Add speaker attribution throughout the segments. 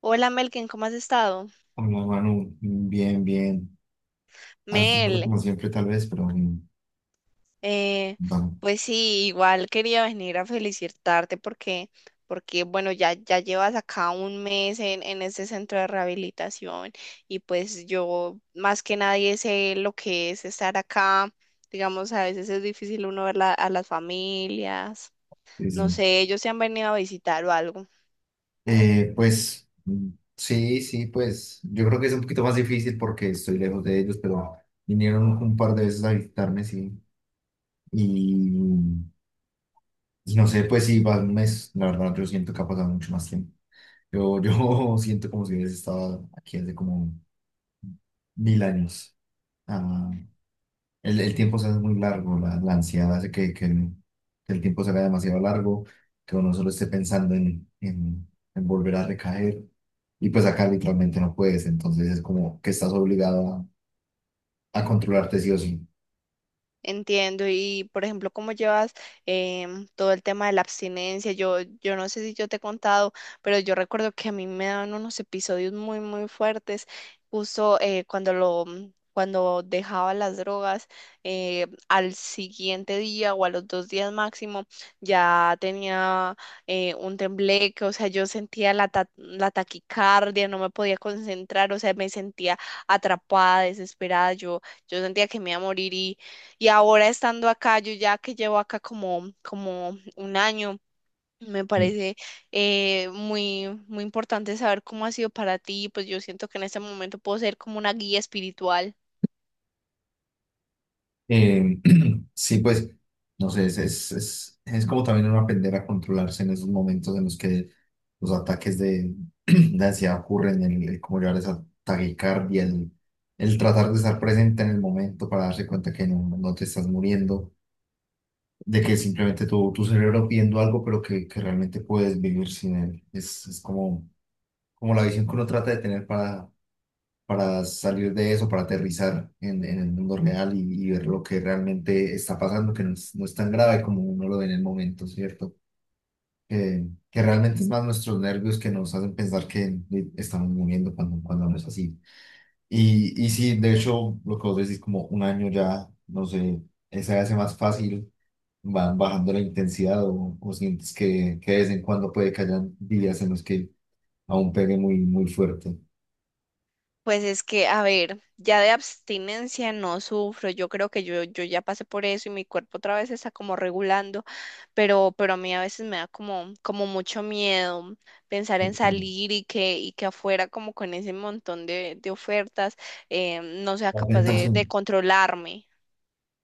Speaker 1: Hola Melkin, ¿cómo has estado?
Speaker 2: Hola Manu, bien, bien. Ansioso
Speaker 1: Mel,
Speaker 2: como siempre tal vez, pero
Speaker 1: eh,
Speaker 2: vamos.
Speaker 1: pues sí, igual quería venir a felicitarte porque bueno, ya llevas acá un mes en este centro de rehabilitación y pues yo más que nadie sé lo que es estar acá. Digamos, a veces es difícil uno ver a las familias.
Speaker 2: Sí,
Speaker 1: No
Speaker 2: sí.
Speaker 1: sé, ellos se han venido a visitar o algo.
Speaker 2: Pues mm, sí, sí, pues yo creo que es un poquito más difícil porque estoy lejos de ellos, pero vinieron un par de veces a visitarme, sí. Y, y no sé, pues si va un mes, la verdad yo siento que ha pasado mucho más tiempo. Yo siento como si hubiese estado aquí hace como 1000 años. Ah, el tiempo se hace muy largo, la ansiedad hace que el tiempo se haga demasiado largo, que uno solo esté pensando en volver a recaer. Y pues acá literalmente no puedes, entonces es como que estás obligado a controlarte sí o sí.
Speaker 1: Entiendo, y por ejemplo, cómo llevas todo el tema de la abstinencia. Yo no sé si yo te he contado, pero yo recuerdo que a mí me daban unos episodios muy, muy fuertes, justo cuando cuando dejaba las drogas, al siguiente día o a los dos días máximo, ya tenía un tembleque, o sea, yo sentía la taquicardia, no me podía concentrar, o sea, me sentía atrapada, desesperada, yo sentía que me iba a morir y ahora estando acá, yo ya que llevo acá como un año, me parece muy, muy importante saber cómo ha sido para ti. Pues yo siento que en este momento puedo ser como una guía espiritual.
Speaker 2: Eh, sí, pues, no sé, es como también uno aprender a controlarse en esos momentos en los que los ataques de, de ansiedad ocurren, el cómo llevar esa taquicardia, el tratar de estar presente en el momento para darse cuenta que no, no te estás muriendo, de que simplemente tu cerebro pidiendo algo, pero que realmente puedes vivir sin él. Es como la visión que uno trata de tener para salir de eso, para aterrizar en el mundo real y ver lo que realmente está pasando, que no es tan grave como uno lo ve en el momento, ¿cierto? Que realmente es más nuestros nervios que nos hacen pensar que estamos muriendo cuando no es así. Y sí, de hecho, lo que vos decís, como un año ya, no sé, se hace más fácil, van bajando la intensidad o sientes que de vez en cuando puede que hayan días en los que aún pegue muy, muy fuerte.
Speaker 1: Pues es que, a ver, ya de abstinencia no sufro, yo creo que yo ya pasé por eso y mi cuerpo otra vez está como regulando, pero a mí a veces me da como mucho miedo pensar en
Speaker 2: Ok.
Speaker 1: salir y y que afuera como con ese montón de ofertas no sea
Speaker 2: La
Speaker 1: capaz de
Speaker 2: tentación.
Speaker 1: controlarme.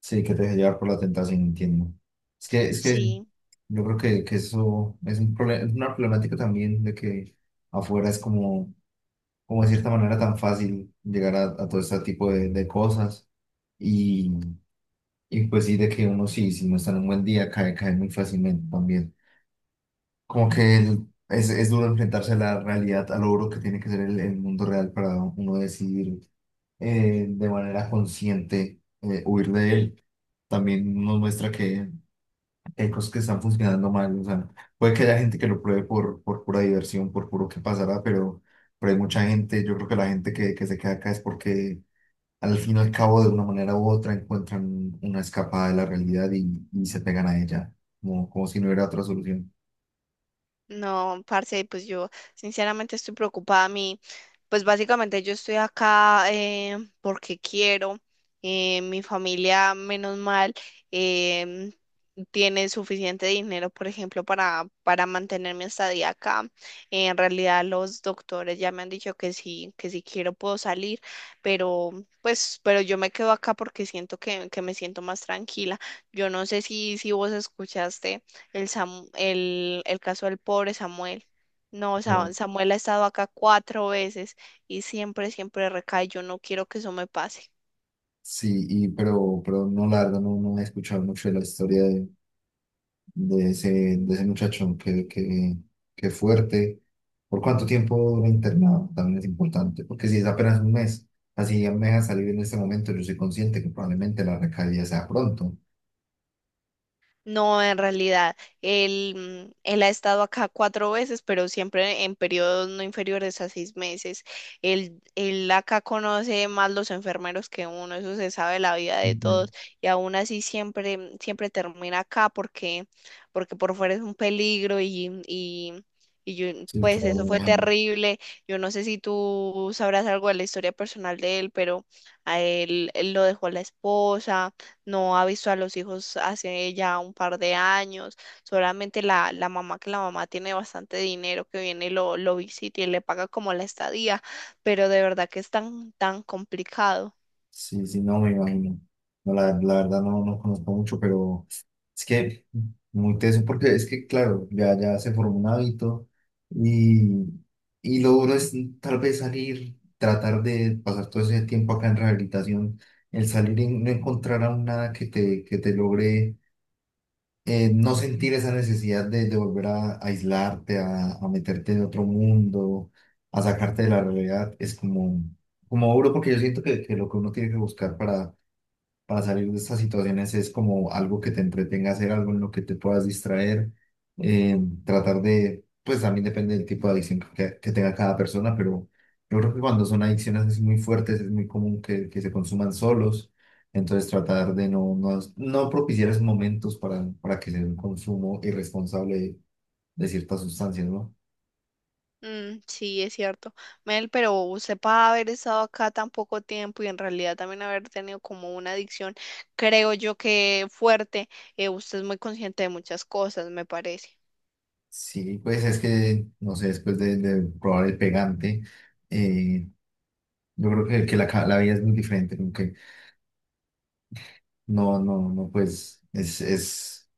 Speaker 2: Sí, que te deje llevar por la tentación, entiendo. Es que
Speaker 1: Sí,
Speaker 2: yo creo que eso es un problema, es una problemática también de que afuera es como de cierta manera tan fácil llegar a todo este tipo de cosas. Y, y pues sí, de que uno sí, si no está en un buen día, cae, cae muy fácilmente también. Como que es duro enfrentarse a la realidad, al logro que tiene que ser el mundo real para uno decidir de manera consciente huir de él también nos muestra que hay cosas que están funcionando mal, o sea, puede que haya gente que lo pruebe por pura diversión, por puro que pasará, pero hay mucha gente, yo creo que la gente que se queda acá es porque al fin y al cabo, de una manera u otra, encuentran una escapada de la realidad y se pegan a ella, como si no hubiera otra solución.
Speaker 1: no, parce, pues yo sinceramente estoy preocupada. A mí. Pues básicamente yo estoy acá porque quiero. Mi familia, menos mal, em, tiene suficiente dinero, por ejemplo, para mantener mi estadía acá. En realidad los doctores ya me han dicho que sí, que si quiero puedo salir, pero yo me quedo acá porque siento que me siento más tranquila. Yo no sé si vos escuchaste el caso del pobre Samuel. No,
Speaker 2: No.
Speaker 1: Samuel ha estado acá cuatro veces y siempre, siempre recae. Yo no quiero que eso me pase.
Speaker 2: Sí, y pero no, la verdad, no, no he escuchado mucho de la historia de ese, de ese muchacho, que fuerte. ¿Por cuánto tiempo dura internado? También es importante, porque si es apenas un mes, así ya me deja salir en este momento, yo soy consciente que probablemente la recaída sea pronto.
Speaker 1: No, en realidad, él, él ha estado acá cuatro veces, pero siempre en periodos no inferiores a seis meses. Él acá conoce más los enfermeros que uno, eso se sabe la vida de
Speaker 2: Ujú.
Speaker 1: todos, y aún así siempre, siempre termina acá porque por fuera es un peligro y yo,
Speaker 2: Sí,
Speaker 1: pues
Speaker 2: claro, me
Speaker 1: eso fue
Speaker 2: imagino.
Speaker 1: terrible. Yo no sé si tú sabrás algo de la historia personal de él, pero a él lo dejó la esposa no avisó a los hijos hace ya un par de años, solamente la mamá, que la mamá tiene bastante dinero, que viene y lo visita y le paga como la estadía, pero de verdad que es tan, tan complicado.
Speaker 2: Sí, sí, no me imagino. No, la verdad no, no conozco mucho, pero es que muy teso, porque es que, claro, ya, ya se formó un hábito y, y lo duro es tal vez salir, tratar de pasar todo ese tiempo acá en rehabilitación, el salir y no encontrar aún nada que te logre no sentir esa necesidad de volver a aislarte, a meterte en otro mundo, a sacarte de la realidad, es como duro porque yo siento que lo que uno tiene que buscar para salir de estas situaciones es como algo que te entretenga hacer, algo en lo que te puedas distraer, eh, tratar de, pues también depende del tipo de adicción que tenga cada persona, pero yo creo que cuando son adicciones así muy fuertes es muy común que se consuman solos, entonces tratar de no, no, no propiciar esos momentos para que sea un consumo irresponsable de ciertas sustancias, ¿no?
Speaker 1: Mm, sí, es cierto. Mel, pero usted para haber estado acá tan poco tiempo y en realidad también haber tenido como una adicción, creo yo que fuerte, usted es muy consciente de muchas cosas, me parece.
Speaker 2: Sí, pues es que, no sé, después de probar el pegante, eh, yo creo que la, la vida es muy diferente, como que no, no, no, pues es, es,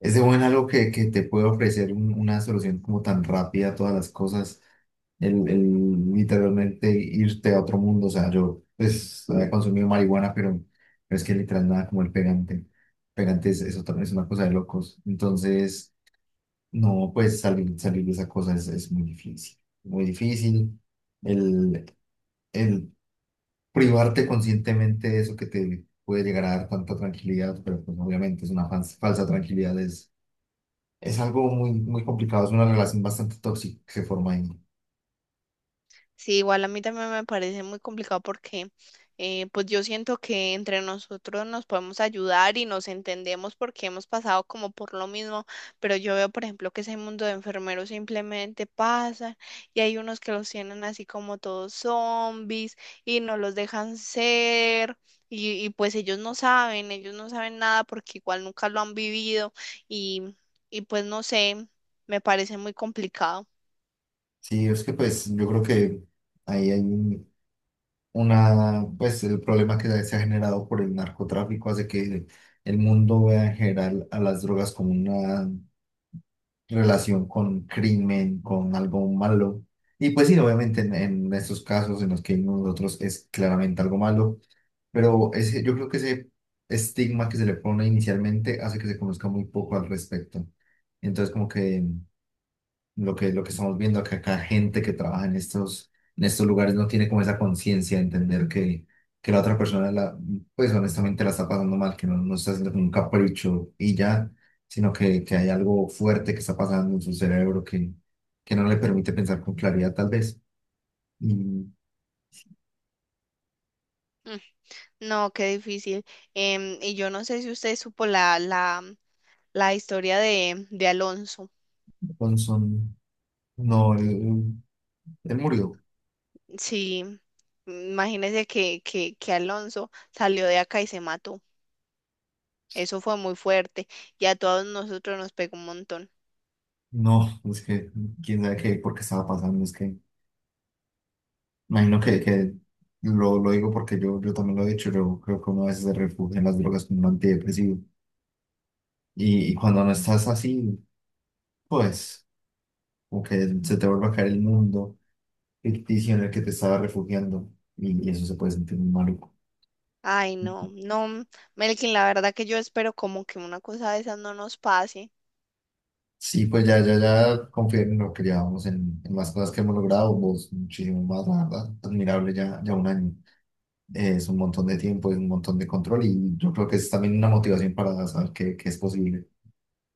Speaker 2: es de buen algo que te puede ofrecer una solución como tan rápida a todas las cosas, el literalmente irte a otro mundo, o sea, yo pues había consumido marihuana, pero es que literal nada como el pegante, pegante es otra, es una cosa de locos, entonces no, pues salir, salir de esa cosa es muy difícil, el, el privarte conscientemente de eso que te puede llegar a dar tanta tranquilidad, pero pues obviamente es una falsa tranquilidad, es algo muy, muy complicado, es una relación bastante tóxica que se forma ahí.
Speaker 1: Sí, igual a mí también me parece muy complicado porque pues yo siento que entre nosotros nos podemos ayudar y nos entendemos porque hemos pasado como por lo mismo, pero yo veo, por ejemplo, que ese mundo de enfermeros simplemente pasa y hay unos que los tienen así como todos zombies y no los dejan ser. Y pues ellos no saben nada porque igual nunca lo han vivido y, y pues no sé, me parece muy complicado.
Speaker 2: Sí, es que pues yo creo que ahí hay una, pues el problema que se ha generado por el narcotráfico hace que el mundo vea en general a las drogas como una relación con crimen, con algo malo. Y pues sí, obviamente en estos casos en los que hay nosotros es claramente algo malo. Pero ese, yo creo que ese estigma que se le pone inicialmente hace que se conozca muy poco al respecto. Entonces, como que lo que estamos viendo acá, gente que trabaja en estos lugares no tiene como esa conciencia de entender que la otra persona, la, pues honestamente la está pasando mal, que no, no está haciendo como un capricho y ya, sino que hay algo fuerte que está pasando en su cerebro que no le permite pensar con claridad, tal vez. Y
Speaker 1: No, qué difícil. Y yo no sé si usted supo la historia de Alonso.
Speaker 2: Johnson, no, él murió.
Speaker 1: Sí, imagínese que Alonso salió de acá y se mató. Eso fue muy fuerte y a todos nosotros nos pegó un montón.
Speaker 2: No, es que quién sabe qué, por qué estaba pasando, es que imagino que lo digo porque yo también lo he dicho, yo creo que uno a veces se refugia en las drogas como un antidepresivo y cuando no estás así, pues como que se te vuelve a caer el mundo ficticio en el que te estaba refugiando y eso se puede sentir muy maluco.
Speaker 1: Ay, no, no, Melkin, la verdad que yo espero como que una cosa de esas no nos pase.
Speaker 2: Sí, pues ya, ya, ya confío en, lo que llevamos, en las cosas que hemos logrado, vos muchísimo más, la verdad, admirable, ya, ya un año. Es un montón de tiempo y un montón de control y yo creo que es también una motivación para saber que es posible.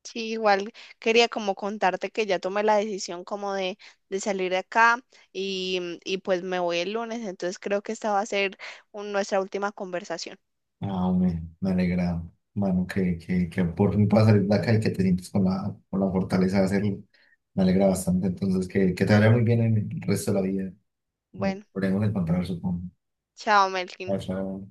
Speaker 1: Sí, igual quería como contarte que ya tomé la decisión como de salir de acá y, y pues me voy el lunes, entonces creo que esta va a ser nuestra última conversación.
Speaker 2: Me alegra, mano, que por fin puedas salir de acá y que te sientes con la fortaleza de hacerlo. Me alegra bastante, entonces que te vaya muy bien en el resto de la vida. Nos
Speaker 1: Bueno,
Speaker 2: podremos encontrar, supongo.
Speaker 1: chao,
Speaker 2: Chao,
Speaker 1: Melkin.
Speaker 2: chao.